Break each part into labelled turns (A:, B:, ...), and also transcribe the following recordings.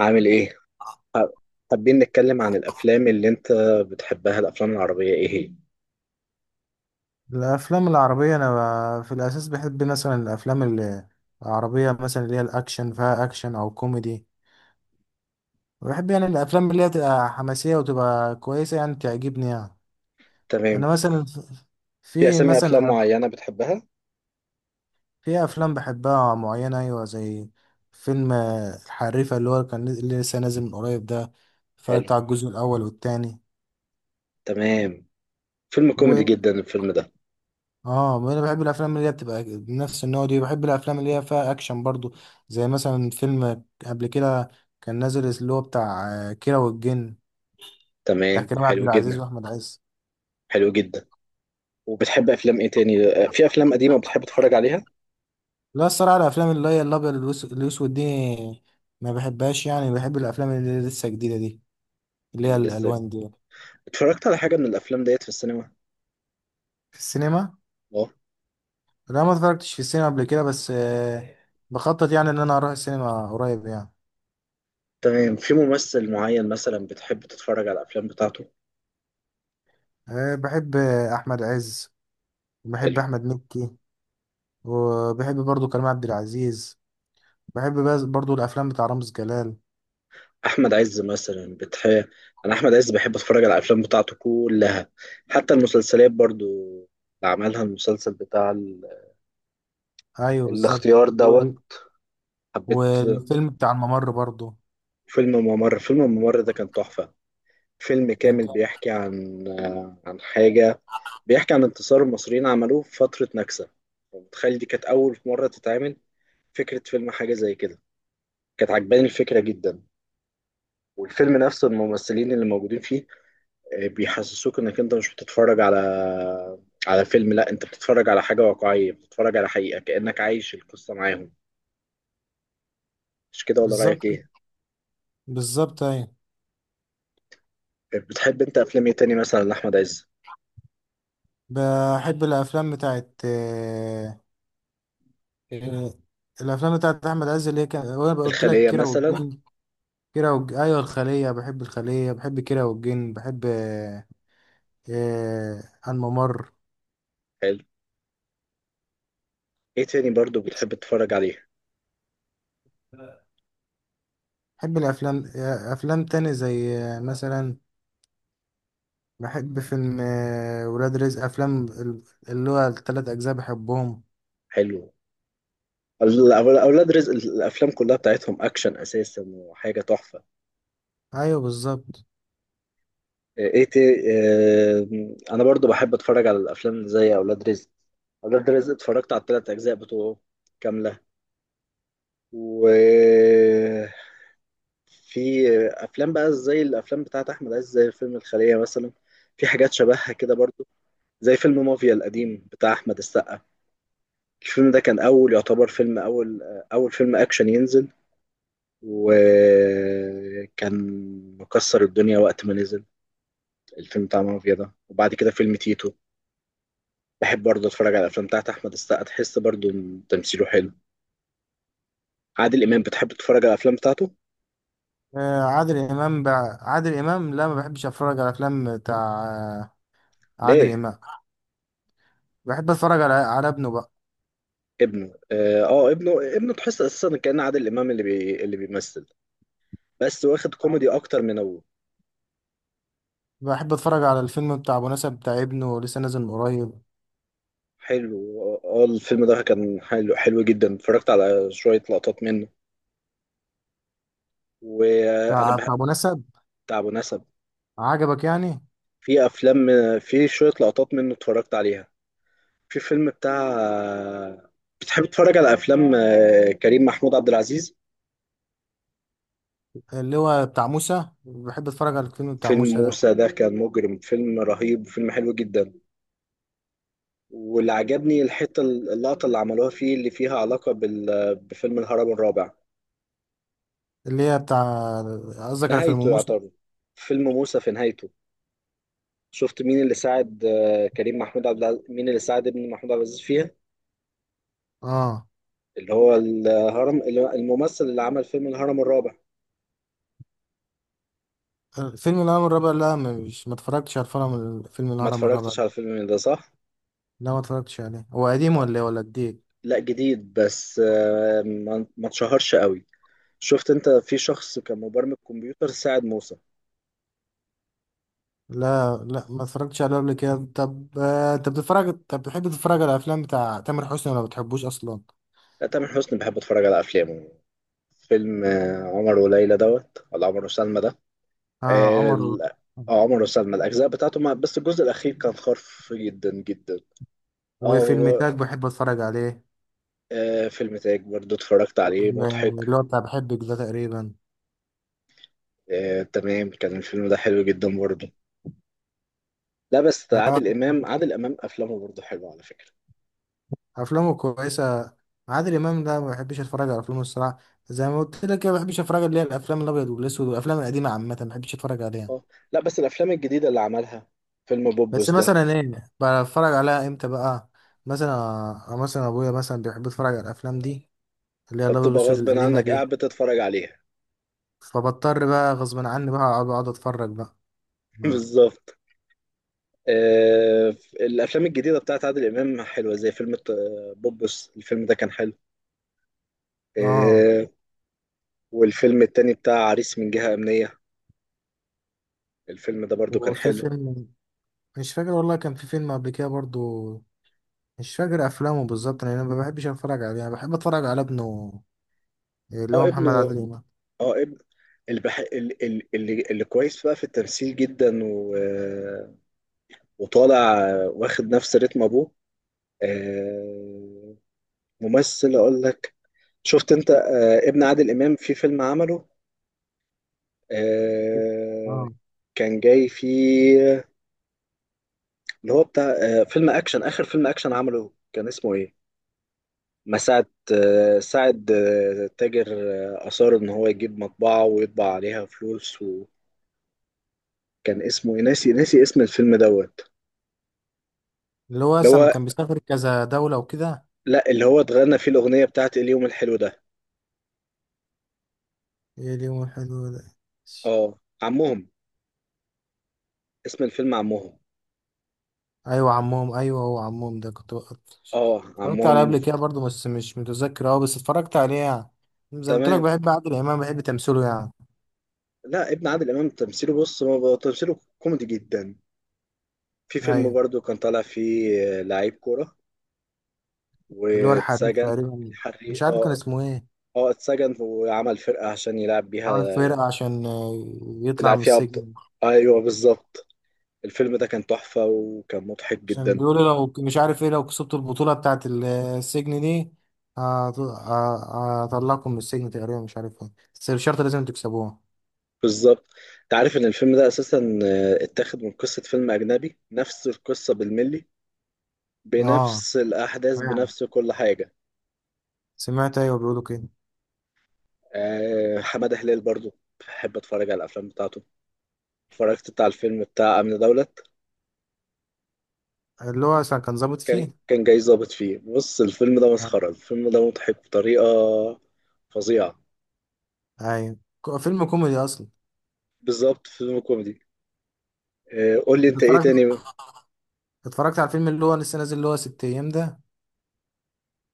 A: عامل ايه؟ ح- حابين نتكلم عن الافلام اللي انت بتحبها، الافلام العربية ايه هي؟
B: الافلام العربيه انا في الاساس بحب مثلا الافلام العربيه مثلا اللي هي الاكشن فيها اكشن او كوميدي بحب يعني الافلام اللي هي تبقى حماسيه وتبقى كويسه يعني تعجبني يعني.
A: تمام.
B: انا مثلا
A: في
B: في
A: اسامي
B: مثلا
A: افلام معينة
B: أف-
A: بتحبها؟
B: في افلام بحبها معينه، ايوه، زي فيلم الحريفه، اللي هو اللي لسه نازل من قريب ده.
A: حلو.
B: اتفرجت على الجزء الاول والتاني.
A: تمام. فيلم كوميدي جدا الفيلم ده.
B: اه، ما انا بحب الافلام اللي هي بتبقى نفس النوع دي، بحب الافلام اللي هي فيها اكشن برضو، زي مثلا فيلم قبل كده كان نازل اللي هو بتاع كيرة والجن، بتاع
A: تمام.
B: كريم عبد
A: حلو
B: العزيز
A: جدا.
B: واحمد عز.
A: حلو جدا. وبتحب افلام ايه تاني؟ في افلام قديمة بتحب تتفرج عليها؟
B: لا، الصراحه الافلام اللي هي الابيض الاسود دي ما بحبهاش يعني. بحب الافلام اللي لسه جديده دي، اللي هي
A: اللي لسه
B: الالوان دي.
A: اتفرجت على حاجة من الافلام ديت في السينما؟
B: في السينما؟
A: اه.
B: لا، ما اتفرجتش في السينما قبل كده، بس بخطط يعني ان انا اروح السينما قريب يعني.
A: تمام. في ممثل معين مثلا بتحب تتفرج على الافلام بتاعته؟
B: بحب احمد عز، وبحب
A: حلو.
B: احمد مكي، وبحب برضو كريم عبد العزيز، برضو الافلام بتاع رامز جلال.
A: احمد عز مثلا انا احمد عز بحب اتفرج على الافلام بتاعته كلها، حتى المسلسلات برضو، اللي عملها المسلسل بتاع
B: ايوه بالظبط.
A: الاختيار
B: و...
A: دوت. حبيت.
B: والفيلم بتاع الممر برضو.
A: فيلم ممر، فيلم ممر ده كان تحفة. فيلم
B: كان
A: كامل
B: جامد.
A: بيحكي عن عن حاجة، بيحكي عن انتصار المصريين، عملوه في فترة نكسة. متخيل دي كانت أول مرة تتعمل فكرة فيلم حاجة زي كده، كانت عجباني الفكرة جدا. والفيلم نفسه، الممثلين اللي موجودين فيه بيحسسوك انك انت مش بتتفرج على فيلم، لا انت بتتفرج على حاجة واقعية، بتتفرج على حقيقة كأنك عايش القصة معاهم. مش كده ولا رأيك
B: بالظبط،
A: ايه؟
B: بالظبط ايوه.
A: بتحب انت افلام ايه تاني مثلا لأحمد عز؟
B: بحب الافلام بتاعت آه، آه، الافلام بتاعت احمد عز، اللي هي كان وانا قلت لك
A: الخلية
B: كيرة
A: مثلا.
B: والجن. ايوه الخليه، بحب الخليه، بحب كيرة والجن، بحب آه، الممر.
A: حلو. ايه تاني برضو بتحب تتفرج عليه؟
B: بحب الافلام، افلام تاني زي مثلا بحب فيلم ولاد رزق، اللي هو التلات أجزاء بحبهم.
A: حلو. اولاد رزق، الافلام كلها بتاعتهم اكشن اساسا وحاجة تحفة.
B: أيوه بالظبط.
A: ايه تي... اه... انا برضو بحب اتفرج على الافلام زي اولاد رزق. اولاد رزق اتفرجت على 3 اجزاء بتوعه كاملة، و في افلام بقى زي الافلام بتاعت احمد عز، زي فيلم الخلية مثلا، في حاجات شبهها كده برضو، زي فيلم مافيا القديم بتاع احمد السقا. الفيلم ده كان اول، يعتبر فيلم اول فيلم اكشن ينزل، وكان مكسر الدنيا وقت ما نزل الفيلم بتاع مافيا ده، وبعد كده فيلم تيتو. بحب برضه اتفرج على الافلام بتاعت احمد السقا، تحس برضه إن تمثيله حلو. عادل امام بتحب تتفرج على الافلام بتاعته؟
B: عادل إمام عادل إمام، لا ما بحبش أتفرج على أفلام بتاع آه، عادل
A: ليه؟
B: إمام. بحب أتفرج على ابنه بقى.
A: ابنه. اه. ابنه تحس اساسا كأن عادل امام اللي بيمثل، بس واخد كوميدي اكتر من ابوه.
B: بحب أتفرج على الفيلم بتاع أبو نسب بتاع ابنه، لسه نازل من قريب.
A: حلو. اه. الفيلم ده كان حلو، حلو جدا. اتفرجت على شوية لقطات منه، وانا
B: بتاع
A: بحب.
B: أبو نسب.
A: بتاع ابو نسب.
B: عجبك يعني؟
A: في افلام، في شوية لقطات منه اتفرجت عليها. في فيلم بتاع، بتحب تتفرج على افلام كريم محمود عبد العزيز؟
B: اللي هو بتاع موسى، بحب أتفرج على الفيلم بتاع
A: فيلم
B: موسى ده.
A: موسى ده كان مجرم، فيلم رهيب، فيلم حلو جدا. واللي عجبني الحتة، اللقطة اللي عملوها فيه اللي فيها علاقة بفيلم الهرم الرابع.
B: اللي هي بتاع قصدك على فيلم
A: نهايته
B: موسى؟
A: يعتبر، فيلم موسى في نهايته، شفت مين اللي ساعد كريم محمود عبد العزيز، مين اللي ساعد ابن محمود عبد العزيز فيها؟
B: اه.
A: اللي هو الهرم، الممثل اللي عمل فيلم الهرم الرابع.
B: فيلم الهرم الرابع، لا مش، ما اتفرجتش على الفيلم، فيلم
A: ما
B: الهرم الرابع
A: اتفرجتش على
B: ده.
A: الفيلم ده، صح.
B: لا ما اتفرجتش عليه، هو قديم
A: آه،
B: ولا إيه، ولا جديد؟
A: لا، جديد، بس ما اتشهرش قوي. شفت انت، في شخص كان مبرمج كمبيوتر ساعد موسى.
B: لا ما اتفرجتش عليه قبل كده. طب انت بتتفرج، طب بتحب تتفرج على الافلام بتاع تامر حسني ولا ما بتحبوش اصلا؟
A: لا، تامر حسني بحب اتفرج على افلامه. فيلم عمر وليلى دوت، ولا عمر وسلمى ده؟
B: اه،
A: اه.
B: عمر.
A: عمر وسلمى، الاجزاء بتاعته بس الجزء الاخير كان خرف جدا جدا.
B: وفيلم
A: اه.
B: تاج بحب اتفرج عليه.
A: فيلم تاج برضو اتفرجت عليه،
B: وفيلم
A: مضحك.
B: اللي هو بتاع بحبك ده تقريبا.
A: آه، تمام. كان الفيلم ده حلو جدا برضو. لا بس
B: آه،
A: عادل إمام، عادل إمام أفلامه برضو حلوة على فكرة.
B: افلامه كويسه. عادل امام ده ما بحبش اتفرج على افلامه الصراحه، زي ما قلت لك كده، ما بحبش اتفرج اللي هي الافلام الابيض والاسود والافلام القديمه عامه، ما بحبش اتفرج عليها.
A: اه. لا بس الأفلام الجديدة اللي عملها، فيلم
B: بس
A: بوبوس ده.
B: مثلا ايه؟ بتفرج عليها امتى بقى؟ مثلا، مثلا ابويا مثلا بيحب يتفرج على الافلام دي، اللي هي الابيض
A: فبتبقى
B: والاسود
A: غصب
B: القديمه
A: عنك
B: دي،
A: قاعد بتتفرج عليها.
B: فبضطر بقى غصب عني بقى أقعد اتفرج بقى، ما.
A: بالظبط. آه. الأفلام الجديدة بتاعت عادل إمام حلوة، زي فيلم بوبوس. الفيلم ده كان حلو.
B: اه.
A: آه. والفيلم التاني بتاع عريس من جهة أمنية، الفيلم ده برضو كان
B: وفي
A: حلو.
B: فيلم، مش فاكر والله، كان في فيلم قبل كده برضو مش فاكر افلامه بالظبط، لان انا ما بحبش اتفرج عليه، انا بحب اتفرج على ابنه اللي هو
A: اه،
B: محمد
A: ابنه.
B: عادل امام.
A: اه، ابن اللي، اللي كويس بقى في التمثيل جدا وطالع، واخد نفس رتم ابوه. آه، ممثل اقول لك. شفت انت ابن عادل امام في فيلم عمله؟ آه،
B: اه،
A: كان جاي فيه، اللي هو بتاع فيلم اكشن. اخر فيلم اكشن عمله كان اسمه ايه؟ مساعد، ساعد تاجر، اصر ان هو يجيب مطبعه ويطبع عليها فلوس، وكان اسمه إيه؟ ناسي، ناسي اسم الفيلم دوت.
B: اللي هو
A: اللي
B: لما
A: هو،
B: كان بيسافر كذا دوله وكده.
A: لا اللي هو اتغنى فيه الأغنية بتاعت اليوم الحلو ده.
B: ايه، اليوم الحلو ده؟
A: اه، عمهم. اسم الفيلم عمهم.
B: ايوه، عمهم، ايوه، هو عمهم ده
A: اه،
B: اتفرجت عليه
A: عمهم.
B: قبل كده برضه، بس مش متذكر اه، بس اتفرجت عليه يعني. زي ما قلت لك،
A: تمام.
B: بحب عادل امام، بحب تمثيله يعني.
A: لا، ابن عادل إمام تمثيله، بص، ما بقى تمثيله كوميدي جدا. في فيلم
B: ايوه.
A: برضو كان طالع فيه لعيب كورة،
B: اللي هو الحريف
A: واتسجن.
B: تقريبا، مش
A: الحريق،
B: عارف كان
A: اه.
B: اسمه ايه.
A: اه، اتسجن وعمل فرقة عشان يلعب بيها،
B: عامل فرقة عشان يطلع
A: يلعب
B: من
A: فيها أبطال.
B: السجن.
A: ايوه، بالظبط. الفيلم ده كان تحفة وكان مضحك
B: عشان
A: جدا.
B: بيقولوا مش عارف ايه، لو كسبت البطولة بتاعت السجن دي هطلعكم من السجن تقريبا، مش عارف ايه، بس الشرط لازم تكسبوها.
A: بالظبط. انت عارف ان الفيلم ده اساسا اتاخد من قصة فيلم اجنبي، نفس القصة بالملي،
B: اه
A: بنفس الأحداث،
B: يعني،
A: بنفس كل حاجة.
B: سمعت، ايوه بيقولوا كده.
A: حمادة هلال برضو بحب أتفرج على الأفلام بتاعته. اتفرجت بتاع الفيلم بتاع أمن دولت،
B: اللي هو كان ظابط
A: كان
B: فيه.
A: كان جاي ظابط فيه، بص الفيلم ده مسخرة، الفيلم ده مضحك بطريقة فظيعة.
B: ايوه، فيلم كوميدي اصلا.
A: بالظبط، فيلم كوميدي. قول لي
B: انت
A: أنت إيه
B: اتفرجت،
A: تاني.
B: اتفرجت على الفيلم اللي هو لسه نازل، اللي هو ست ايام ده؟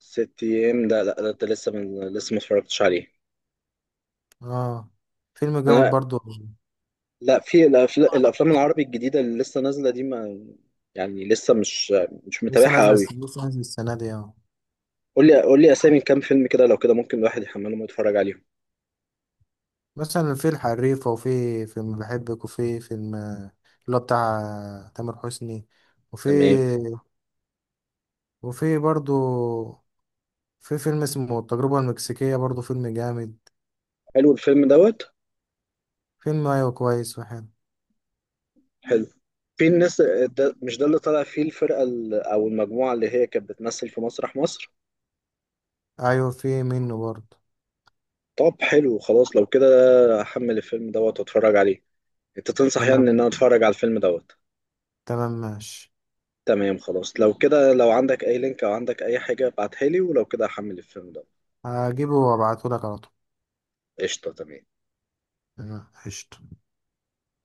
A: 6 أيام، لا لا، ده أنت لسه، لسه ما اتفرجتش عليه.
B: اه، فيلم جامد
A: أنا،
B: برضو.
A: لا، في الأفلام العربي الجديدة اللي لسه نازلة دي، ما يعني لسه مش متابعها قوي.
B: لسه نازل السنه دي، اه.
A: قول لي، قول لي اسامي كام فيلم كده، لو كده ممكن الواحد يحملهم ويتفرج عليهم.
B: مثلا في الحريفه، وفي فيلم بحبك، وفي فيلم اللي هو بتاع تامر حسني، وفي
A: تمام.
B: وفي برضو، في فيلم اسمه التجربه المكسيكيه برضو، فيلم جامد.
A: حلو الفيلم دوت.
B: فيلم ايوه كويس وحلو.
A: حلو. في الناس، ده مش ده اللي طلع فيه الفرقة او المجموعة اللي هي كانت بتمثل في مسرح مصر.
B: ايوه، في منه برضو.
A: طب حلو، خلاص لو كده احمل الفيلم دوت واتفرج عليه. انت تنصح يعني ان انا
B: تمام،
A: اتفرج على الفيلم دوت.
B: تمام ماشي.
A: تمام. خلاص لو كده، لو عندك اي لينك او عندك اي حاجة ابعتها لي، ولو كده احمل الفيلم دوت.
B: هجيبه وابعته لك على طول.
A: قشطة، تمام.
B: تمام قشطة.